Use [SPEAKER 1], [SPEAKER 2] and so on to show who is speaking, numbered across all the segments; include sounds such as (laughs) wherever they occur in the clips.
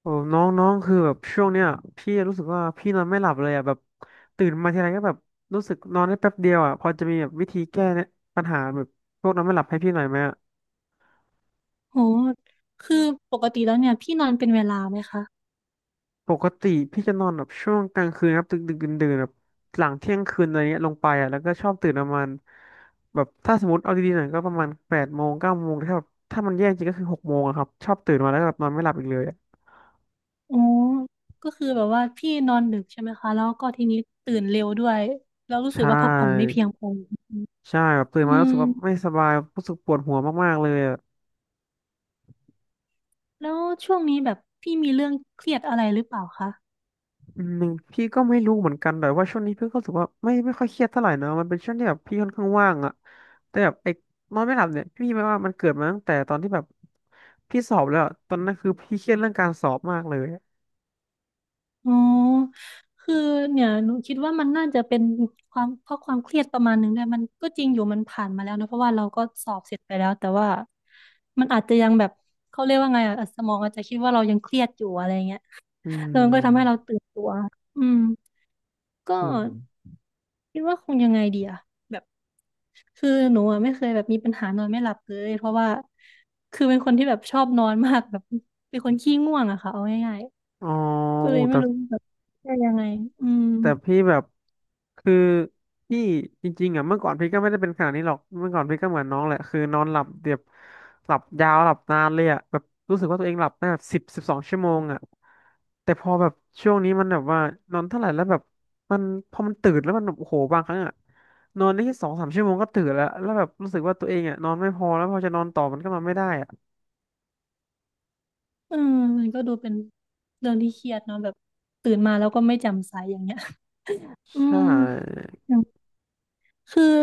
[SPEAKER 1] โอ้น้องน้องคือแบบช่วงเนี้ยพี่รู้สึกว่าพี่นอนไม่หลับเลยอ่ะแบบตื่นมาทีไรก็แบบรู้สึกนอนได้แป๊บเดียวอ่ะพอจะมีแบบวิธีแก้เนี่ยปัญหาแบบพวกนอนไม่หลับให้พี่หน่อยไหมอะ
[SPEAKER 2] โหคือปกติแล้วเนี่ยพี่นอนเป็นเวลาไหมคะ
[SPEAKER 1] ปกติพี่จะนอนแบบช่วงกลางคืนครับดึกดึกดื่นดื่นแบบหลังเที่ยงคืนอะไรเงี้ยลงไปอ่ะแล้วก็ชอบตื่นประมาณแบบถ้าสมมติเอาดีๆหน่อยก็ประมาณแปดโมงเก้าโมงถ้าแบบถ้ามันแย่จริงก็คือหกโมงอะครับชอบตื่นมาแล้วก็แบบนอนไม่หลับอีกเลยอะ
[SPEAKER 2] อ๋อก็คือแบบว่าพี่นอนดึกใช่ไหมคะแล้วก็ทีนี้ตื่นเร็วด้วยแล้วรู้สึก
[SPEAKER 1] ใช่
[SPEAKER 2] ว่าพักผ่อนไม่เพียงพอ
[SPEAKER 1] ใช่แบบตื่น
[SPEAKER 2] อื
[SPEAKER 1] มารู้สึ
[SPEAKER 2] ม
[SPEAKER 1] กว่าไม่สบายรู้สึกปวดหัวมากๆเลย
[SPEAKER 2] แล้วช่วงนี้แบบพี่มีเรื่องเครียดอะไรหรือเปล่าคะ
[SPEAKER 1] อืมพี่ก็ไม่รู้เหมือนกันแต่ว่าช่วงนี้พี่ก็รู้สึกว่าไม่ค่อยเครียดเท่าไหร่นะมันเป็นช่วงที่แบบพี่ค่อนข้างว่างอะแต่แบบไอ้นอนไม่หลับเนี่ยพี่ไม่ว่ามันเกิดมาตั้งแต่ตอนที่แบบพี่สอบแล้วอะตอนนั้นคือพี่เครียดเรื่องการสอบมากเลย
[SPEAKER 2] อ๋อคือเนี่ยหนูคิดว่ามันน่าจะเป็นความเครียดประมาณหนึงด้วยมันก็จริงอยู่มันผ่านมาแล้วนะเพราะว่าเราก็สอบเสร็จไปแล้วแต่ว่ามันอาจจะยังแบบเขาเรียกว่าไงอะสมองอาจจะคิดว่าเรายังเครียดอยู่อะไรเงี้ย
[SPEAKER 1] อื
[SPEAKER 2] แล้วมันก็ทำให้เรา
[SPEAKER 1] ม
[SPEAKER 2] ตื่นตัว อืม ก็
[SPEAKER 1] อืม
[SPEAKER 2] คิดว่าคงยังไงดีอะแบบคือหนูอะไม่เคยแบบมีปัญหานอนไม่หลับเลยเพราะว่าคือเป็นคนที่แบบชอบนอนมากแบบเป็นคนขี้ง่วงอะค่ะเอาง่าย
[SPEAKER 1] อ๋อ
[SPEAKER 2] ๆก็
[SPEAKER 1] โอ้
[SPEAKER 2] เลยไม่
[SPEAKER 1] แต่
[SPEAKER 2] รู้แบบจะยังไงอืม
[SPEAKER 1] แต่พี่แบบคือพี่จริงๆอ่ะเมื่อก่อนพี่ก็ไม่ได้เป็นขนาดนี้หรอกเมื่อก่อนพี่ก็เหมือนน้องแหละคือนอนหลับเดียบหลับยาวหลับนานเลยอ่ะแบบรู้สึกว่าตัวเองหลับได้แบบสิบสิบสองชั่วโมงอ่ะแต่พอแบบช่วงนี้มันแบบว่านอนเท่าไหร่แล้วแบบมันพอมันตื่นแล้วมันแบบโอ้โหบางครั้งอ่ะนอนได้แค่สองสามชั่วโมงก็ตื่นแล้วแล้วแบบรู้สึกว่าตัวเองอ่ะนอนไม่พอแล้วพอจะนอนต่อมันก็นอนไม่ได้อ่ะ
[SPEAKER 2] อออมันก็ดูเป็นเรื่องที่เครียดเนาะแบบตื่นมาแล้วก็ไม่แจ่มใสอย่างเงี้ย (laughs) อื
[SPEAKER 1] ใช่
[SPEAKER 2] มอย่างคือ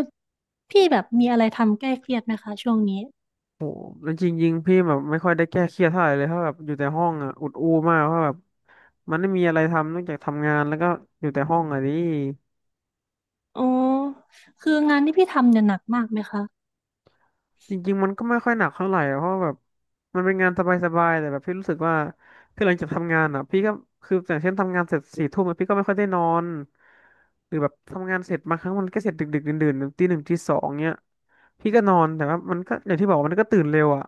[SPEAKER 2] พี่แบบมีอะไรทำแก้เครียดไหมคะช่วงนี้
[SPEAKER 1] จริงๆพี่แบบไม่ค่อยได้แก้เครียดเท่าไหร่เลยเพราะแบบอยู่แต่ห้องอ่ะอุดอู้มากเพราะแบบมันไม่มีอะไรทำนอกจากทำงานแล้วก็อยู่แต่ห้องอ่ะนี่
[SPEAKER 2] อ๋อคืองานที่พี่ทำเนี่ยหนักมากไหมคะ
[SPEAKER 1] จริงๆมันก็ไม่ค่อยหนักเท่าไหร่อะเพราะแบบมันเป็นงานสบายๆแต่แบบพี่รู้สึกว่าคือหลังจากทำงานอ่ะพี่ก็คืออย่างเช่นทำงานเสร็จสี่ทุ่มอะพี่ก็ไม่ค่อยได้นอนหรือแบบทำงานเสร็จบางครั้งมันก็เสร็จดึกๆดื่นๆตีหนึ่งตีสองเนี้ยพี่ก็นอนแต่ว่ามันก็อย่างที่บอกว่ามันก็ตื่นเร็วอ่ะ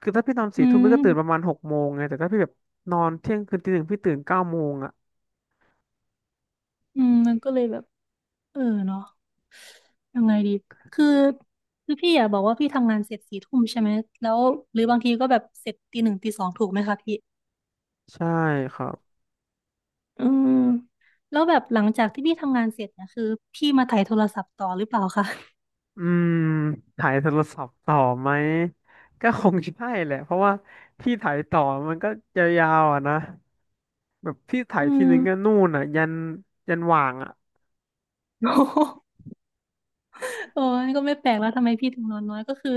[SPEAKER 1] คือถ้าพี่นอน
[SPEAKER 2] อื
[SPEAKER 1] สี่ทุ่มพี่ก็ตื่นประมา
[SPEAKER 2] ม
[SPEAKER 1] ณหกโมงไงแต่ถ้าพี่แบบนอนเที่ยงคืนตีหนึ่งพี่ตื่นเก้าโมงอ่ะ
[SPEAKER 2] อืมมันก็เลยแบบเออเนาะยังไงดีคือคือพี่อ่ะบอกว่าพี่ทำงานเสร็จสี่ทุ่มใช่ไหมแล้วหรือบางทีก็แบบเสร็จตีหนึ่งตีสองถูกไหมคะพี่
[SPEAKER 1] ใช่ครับ
[SPEAKER 2] อืมแล้วแบบหลังจากที่พี่ทำงานเสร็จเนี่ยคือพี่มาไถ่ายโทรศัพท์ต่อหรือเปล่าคะ
[SPEAKER 1] อืมถ่ายโทรศัพท์ต่อไหมก็คงใช่แหละเพราะว่าพี่ถ่ายต่อมันก็ยาวๆอ่ะนะแบบพี่ถ่า
[SPEAKER 2] อื
[SPEAKER 1] ยที
[SPEAKER 2] ม
[SPEAKER 1] นึงก็นู่นอ่ะยันยันหว่างอ่ะ
[SPEAKER 2] (laughs) โอ้ยก็ไม่แปลกแล้วทำไมพี่ถึงนอนน้อยก็คือ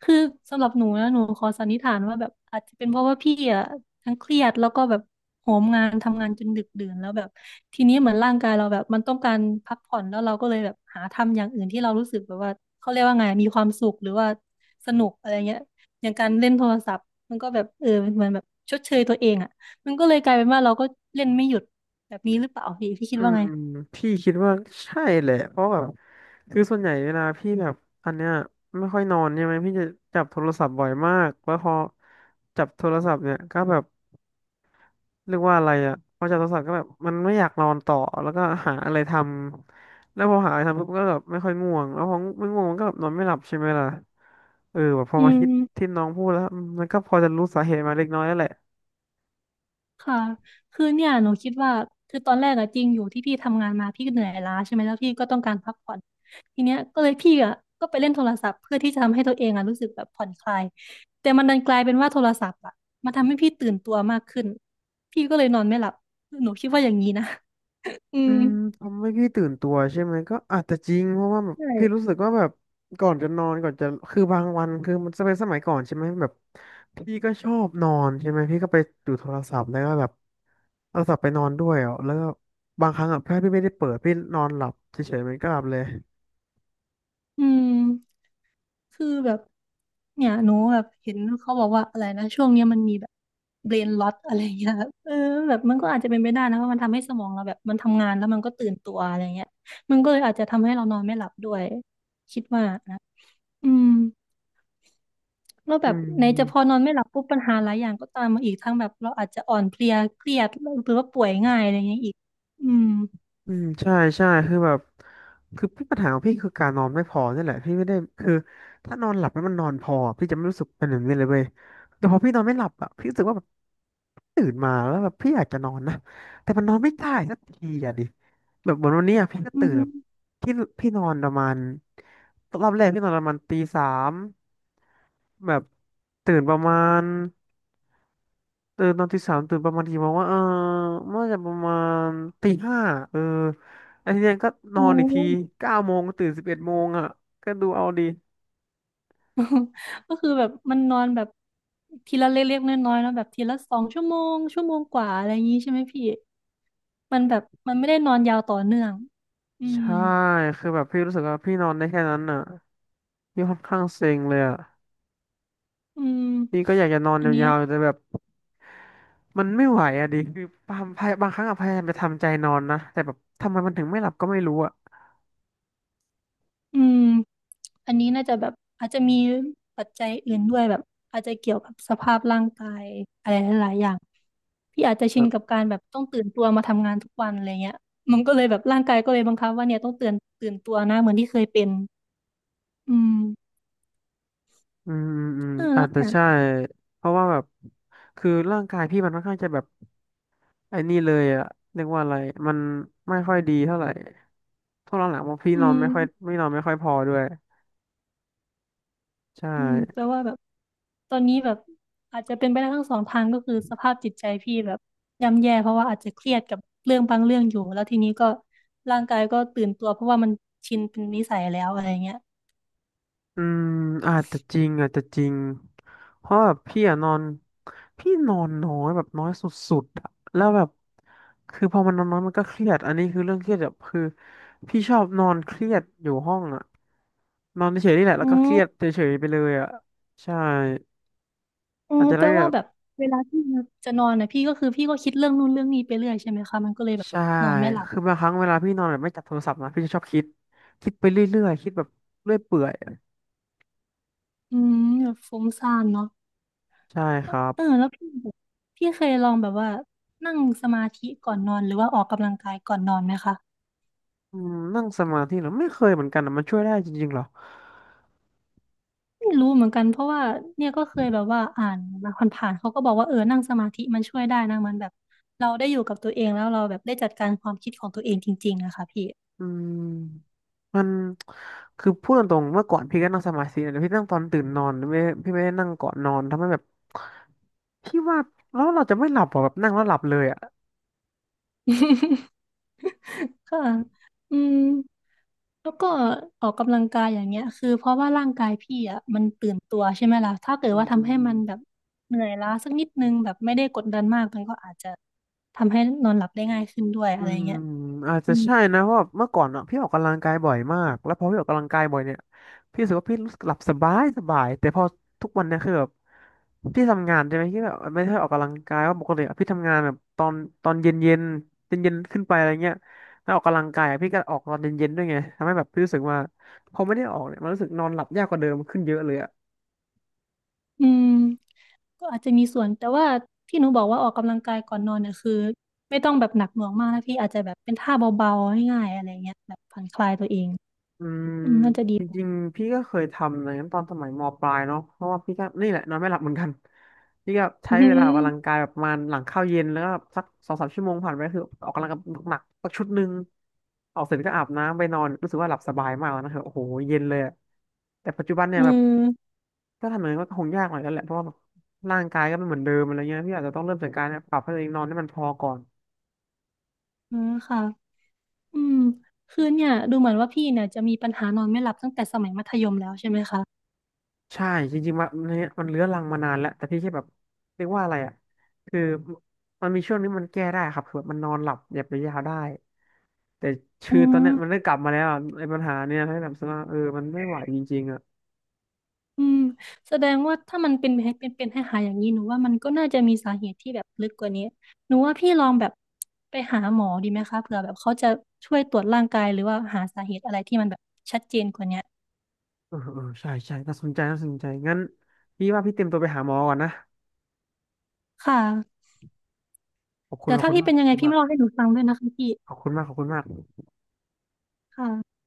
[SPEAKER 2] คือสำหรับหนูนะหนูขอสันนิษฐานว่าแบบอาจจะเป็นเพราะว่าพี่อ่ะทั้งเครียดแล้วก็แบบโหมงานทำงานจนดึกดื่นแล้วแบบทีนี้เหมือนร่างกายเราแบบมันต้องการพักผ่อนแล้วเราก็เลยแบบหาทำอย่างอื่นที่เรารู้สึกแบบว่าเขาเรียกว่าไงมีความสุขหรือว่าสนุกอะไรเงี้ยอย่างการเล่นโทรศัพท์มันก็แบบเออเหมือนแบบชดเชยตัวเองอ่ะมันก็เลยกลายเป็นว่าเราก็เล่นไม่หยุดแบบนี้หรือเปล่าพี่คิ
[SPEAKER 1] อื
[SPEAKER 2] ดว่าไง
[SPEAKER 1] มพี่คิดว่าใช่แหละเพราะแบบคือส่วนใหญ่เวลาพี่แบบอันเนี้ยไม่ค่อยนอนใช่ไหมพี่จะจับโทรศัพท์บ่อยมากแล้วพอจับโทรศัพท์เนี่ยก็แบบ เรียกว่าอะไรอ่ะพอจับโทรศัพท์ก็แบบมันไม่อยากนอนต่อแล้วก็หาอะไรทำแล้วพอหาอะไรทำปุ๊บก็แบบไม่ค่อยง่วงแล้วพอไม่ง่วงมันก็แบบนอนไม่หลับใช่ไหมล่ะเออแบบพอ
[SPEAKER 2] อื
[SPEAKER 1] มาคิด
[SPEAKER 2] ม
[SPEAKER 1] ที่น้องพูดแล้วอืมมันก็พอจะรู้สาเหตุมาเล็กน้อยแล้วแหละ
[SPEAKER 2] ค่ะคือเนี่ยหนูคิดว่าคือตอนแรกอะจริงอยู่ที่พี่ทำงานมาพี่ก็เหนื่อยล้าใช่ไหมแล้วพี่ก็ต้องการพักผ่อนทีเนี้ยก็เลยพี่อะก็ไปเล่นโทรศัพท์เพื่อที่จะทำให้ตัวเองอะรู้สึกแบบผ่อนคลายแต่มันดันกลายเป็นว่าโทรศัพท์อะมันทำให้พี่ตื่นตัวมากขึ้นพี่ก็เลยนอนไม่หลับหนูคิดว่าอย่างนี้นะ (laughs) อื
[SPEAKER 1] อื
[SPEAKER 2] ม
[SPEAKER 1] มทำให้พี่ตื่นตัวใช่ไหมก็อาจจะจริงเพราะว่าแบบ
[SPEAKER 2] ใช่
[SPEAKER 1] พี่รู้สึกว่าแบบก่อนจะนอนก่อนจะคือบางวันคือมันจะเป็นสมัยก่อนใช่ไหมแบบพี่ก็ชอบนอนใช่ไหมพี่ก็ไปดูโทรศัพท์แล้วก็แบบเอาโทรศัพท์ไปนอนด้วยอ่ะแล้วก็บางครั้งอ่ะถ้าพี่ไม่ได้เปิดพี่นอนหลับเฉยๆมันก็หลับเลย
[SPEAKER 2] อืม คือแบบเนี่ยหนูแบบเห็นเขาบอกว่าอะไรนะช่วงเนี้ยมันมีแบบเบรนล็อตอะไรเงี้ยแบบเออแบบมันก็อาจจะเป็นไปได้นะว่าะมันทำให้สมองเราแบบมันทำงานแล้วมันก็ตื่นตัวอะไรเงี้ยมันก็เลยอาจจะทำให้เรานอนไม่หลับด้วยคิดว่านะอืมแล้วแบ
[SPEAKER 1] อื
[SPEAKER 2] บไหนจะพอ
[SPEAKER 1] ม
[SPEAKER 2] นอนไม่หลับปุ๊บปัญหาหลายอย่างก็ตามมาอีกทั้งแบบเราอาจจะอ่อนเพลียเครียดหรือว่าป่วยง่ายอะไรเงี้ยอีกอืม
[SPEAKER 1] อืมใช่ใช่คือแบบคือพี่ปัญหาของพี่คือการนอนไม่พอนี่แหละพี่ไม่ได้คือถ้านอนหลับแล้วมันนอนพอพี่จะไม่รู้สึกเป็นแบบนี้เลยเว้ยแต่พอพี่นอนไม่หลับอ่ะพี่รู้สึกว่าแบบตื่นมาแล้วแบบพี่อยากจะนอนนะแต่มันนอนไม่ได้สักทีอ่ะดิแบบเหมือนวันเนี้อ่ะพี่ก็
[SPEAKER 2] อื
[SPEAKER 1] ตื่นแบบ
[SPEAKER 2] ม
[SPEAKER 1] พี่พี่นอนประมาณรอบแรกพี่นอนประมาณตีสามแบบตื่นประมาณ ตื่นตอนที่สามตื่นประมาณกี่โมงว่าเออเมื่อจะประมาณตี 5เออไอ้ทีเนี้ยก็นอ
[SPEAKER 2] โอ้
[SPEAKER 1] นอีกที9 โมงก็ตื่น11 โมงอ่ะก็ดูเอาดี
[SPEAKER 2] (laughs) ก็คือแบบมันนอนแบบทีละเล็กๆน้อยๆเนาะแบบทีละสองชั่วโมงชั่วโมงกว่าอะไรอย่างงี้ใช่ไหมพี่มันแบบมันไม่ได้นอนยาวต่อเนื่องอืม
[SPEAKER 1] ใช่คือแบบพี่รู้สึกว่าพี่นอนได้แค่นั้นอ่ะพี่ค่อนข้างเซ็งเลยอ่ะ
[SPEAKER 2] อืม
[SPEAKER 1] พี่ก็อยากจะนอนยาวๆแต่แบบมันไม่ไหวอ่ะดิคือบางครั้งอะพยายามจะทำใจนอนนะแต่แบบทำไมมันถึงไม่หลับก็ไม่รู้อ่ะ
[SPEAKER 2] อืมอันนี้น่าจะแบบอาจจะมีปัจจัยอื่นด้วยแบบอาจจะเกี่ยวกับสภาพร่างกายอะไรหลายๆอย่างพี่อาจจะ
[SPEAKER 1] เอ
[SPEAKER 2] ชิน
[SPEAKER 1] อ
[SPEAKER 2] กับการแบบต้องตื่นตัวมาทำงานทุกวันอะไรเงี้ยมันก็เลยแบบร่างกายก็เลยบังคับว่าเนี่ยต้องตื่นตัวนะเหมือนที่เคยเป็นอืม
[SPEAKER 1] อืมอืมอืม
[SPEAKER 2] เออแล้
[SPEAKER 1] อา
[SPEAKER 2] ว
[SPEAKER 1] จจะ
[SPEAKER 2] เนี่ย
[SPEAKER 1] ใช่เพราะว่าแบบคือร่างกายพี่มันค่อนข้างจะแบบ ไอ้นี่เลยอะเรียกว่าอะไรมันไม่ค่อยดีเท่าไหร่ช่วงหลังๆว่าพี่
[SPEAKER 2] อื
[SPEAKER 1] นอนไม่
[SPEAKER 2] ม
[SPEAKER 1] ค่อยไม่นอนไม่ค่อยพอด้วยใช่
[SPEAKER 2] อืมแปลว่าแบบตอนนี้แบบอาจจะเป็นไปได้ทั้งสองทางก็คือสภาพจิตใจพี่แบบย่ำแย่เพราะว่าอาจจะเครียดกับเรื่องบางเรื่องอยู่แล้วทีนี้ก็ร่างกายก็ตื่นตัวเพราะว่ามันชินเป็นนิสัยแล้วอะไรเงี้ย
[SPEAKER 1] อืมอาจจะจริงอาจจะจริงเพราะแบบพี่อะนอนพี่นอนน้อยแบบน้อยสุดๆอะแล้วแบบคือพอมันนอนน้อยมันก็เครียดอันนี้คือเรื่องเครียดแบบคือพี่ชอบนอนเครียดอยู่ห้องอะนอนเฉยๆนี่แหละแล้
[SPEAKER 2] อื
[SPEAKER 1] วก็เครียด
[SPEAKER 2] ม
[SPEAKER 1] เฉยๆไปเลยอะใช่
[SPEAKER 2] อื
[SPEAKER 1] อาจ
[SPEAKER 2] ม
[SPEAKER 1] จะ
[SPEAKER 2] แป
[SPEAKER 1] ได้
[SPEAKER 2] ล
[SPEAKER 1] แบ
[SPEAKER 2] ว่า
[SPEAKER 1] บ
[SPEAKER 2] แบบเวลาที่จะนอนนะพี่ก็คือพี่ก็คิดเรื่องนู่นเรื่องนี้ไปเรื่อยใช่ไหมคะมันก็เลยแบบ
[SPEAKER 1] ใช่
[SPEAKER 2] นอนไม่หลับ
[SPEAKER 1] คือบางครั้งเวลาพี่นอนแบบไม่จับโทรศัพท์นะพี่จะชอบคิดคิดไปเรื่อยๆคิดแบบเรื่อยเปื่อย
[SPEAKER 2] อืมแบบฟุ้งซ่านเนาะ
[SPEAKER 1] ใช่ครับ
[SPEAKER 2] เออแล้วพี่แบบพี่เคยลองแบบว่านั่งสมาธิก่อนนอนหรือว่าออกกำลังกายก่อนนอนไหมคะ
[SPEAKER 1] อืมนั่งสมาธิเหรอไม่เคยเหมือนกันนะมันช่วยได้จริงๆเหรอ
[SPEAKER 2] ไม่รู้เหมือนกันเพราะว่าเนี่ยก็เคยแบบว่าอ่านมาผ่านๆเขาก็บอกว่าเออนั่งสมาธิมันช่วยได้นะมันแบบเราได้อยู่กับตัวเองแล้วเราแบบได้จัดการความคิดของตัวเองจริงๆนะคะพี่
[SPEAKER 1] อืมมันคือพูดตรงๆเมื่อก่อนพี่ก็นั่งสมาธินะแต่พี่นั่งตอนตื่นนอนไม่พี่ไม่ได้นั่งก่อนนอนทำให้แบบพี่ว่าแล้วเราจะไม่หลับหรอแบบนั่งแล้วหลับเลยอ่ะ
[SPEAKER 2] (laughs) ค่ะอืมแล้วก็ออกกำลังกายอย่างเงี้ยคือเพราะว่าร่างกายพี่อ่ะมันตื่นตัวใช่ไหมล่ะถ้าเกิด
[SPEAKER 1] อื
[SPEAKER 2] ว่าทำให้มันแบ
[SPEAKER 1] ม
[SPEAKER 2] บเหนื่อยล้าสักนิดนึงแบบไม่ได้กดดันมากมันก็อาจจะทำให้นอนหลับได้ง่ายขึ้นด้วย
[SPEAKER 1] อื
[SPEAKER 2] อะไร
[SPEAKER 1] ม
[SPEAKER 2] เงี้ย
[SPEAKER 1] อาจ
[SPEAKER 2] อื
[SPEAKER 1] จะ
[SPEAKER 2] ม
[SPEAKER 1] ใช่นะเพราะว่าเมื่อก่อนอ่ะพี่ออกกำลังกายบ่อยมากแล้วพอพี่ออกกำลังกายบ่อยเนี่ยพี่รู้สึกว่าพี่รู้สึกหลับสบายสบายแต่พอทุกวันเนี่ยคือแบบพี่ทำงานใช่ไหมพี่แบบไม่ได้ออกกำลังกายว่าปกติอะพี่ทำงานแบบตอนเย็นเย็นเย็นเย็นๆขึ้นไปอะไรเงี้ยแล้วออกกำลังกายอะพี่ก็ออกตอนเย็นเย็นด้วยไงทำให้แบบพี่รู้สึกว่าพอไม่ได้ออกเนี่ยมันรู้สึกนอนหลับยากกว่าเดิมขึ้นเยอะเลย
[SPEAKER 2] อืม ก็อาจจะมีส่วนแต่ว่าที่หนูบอกว่าออกกำลังกายก่อนนอนเนี่ยคือไม่ต้องแบบหนักหน่วงมากนะพี่อาจจะแบบเป็นท่าเบาๆง่ายๆอะไรเงี้ยแบบผ่อนคลายตัวเอง
[SPEAKER 1] อืม
[SPEAKER 2] อืมน่าจะดี
[SPEAKER 1] จ
[SPEAKER 2] กว่า
[SPEAKER 1] ริงๆพี่ก็เคยทำอย่างนั้นตอนสมัยมปลายเนาะเพราะว่าพี่ก็นี่แหละนอนไม่หลับเหมือนกัน (laughs) พี่ก็
[SPEAKER 2] (laughs)
[SPEAKER 1] ใช้
[SPEAKER 2] อื
[SPEAKER 1] เวลาออ
[SPEAKER 2] ม
[SPEAKER 1] กกำลังกายแบบประมาณหลังข้าวเย็นแล้วก็สัก2-3 ชั่วโมงผ่านไปคือออกกำลังกายหนักๆสักชุดหนึ่งออกเสร็จก็อาบน้ำไปนอนรู้สึกว่าหลับสบายมากแล้วนะครับโอ้โหเย็นเลยอะแต่ปัจจุบันเนี่
[SPEAKER 2] อื
[SPEAKER 1] ยแบบ
[SPEAKER 2] ม
[SPEAKER 1] ถ้าทำอย่างนั้นก็คงยากหน่อยแล้วแหละเพราะว่าแบบร่างกายก็ไม่เหมือนเดิมอะไรเงี้ยพี่อาจจะต้องเริ่มจากการปรับให้ตัวเองนอนให้มันพอก่อน
[SPEAKER 2] อืมค่ะอืมคือเนี่ยดูเหมือนว่าพี่เนี่ยจะมีปัญหานอนไม่หลับตั้งแต่สมัยมัธยมแล้วใช่ไหมคะ
[SPEAKER 1] ใช่จริงๆมันเนี่ยมันเรื้อรังมานานแล้วแต่พี่แค่แบบเรียกว่าอะไรอ่ะคือมันมีช่วงนี้มันแก้ได้ครับคือแบบมันนอนหลับหยับยาวๆได้แต่
[SPEAKER 2] อื
[SPEAKER 1] ชื่อตอน
[SPEAKER 2] ม
[SPEAKER 1] เนี้ยมันได้กลับมาแล้วอะไอ้ปัญหาเนี่ยให้แบบว่าเออมันไม่ไหวจริงๆอ่ะ
[SPEAKER 2] อืมแสดงว่าถ้ามันเป็นเป็นให้หายๆอย่างนี้หนูว่ามันก็น่าจะมีสาเหตุที่แบบลึกกว่านี้หนูว่าพี่ลองแบบไปหาหมอดีไหมคะเผื่อแบบเขาจะช่วยตรวจร่างกายหรือว่าหาสาเหตุอะไรที่มันแบบชัดเจนกว่านี้
[SPEAKER 1] เออเออใช่ใช่น่าสนใจน่าสนใจงั้นพี่ว่าพี่เตรียมตัวไปหาหมอก่อนนะ
[SPEAKER 2] ค่ะ
[SPEAKER 1] ขอบคุณ
[SPEAKER 2] แต่
[SPEAKER 1] ขอบ
[SPEAKER 2] ถ้า
[SPEAKER 1] คุณ
[SPEAKER 2] พี่
[SPEAKER 1] มาก
[SPEAKER 2] เป็น
[SPEAKER 1] ข
[SPEAKER 2] ยั
[SPEAKER 1] อบ
[SPEAKER 2] งไง
[SPEAKER 1] คุณ
[SPEAKER 2] พี่
[SPEAKER 1] มา
[SPEAKER 2] มาเล่า
[SPEAKER 1] ก
[SPEAKER 2] ให้หนูฟังด้วยนะคะพี่
[SPEAKER 1] ขอบคุณมากขอบคุณมาก
[SPEAKER 2] ค่ะ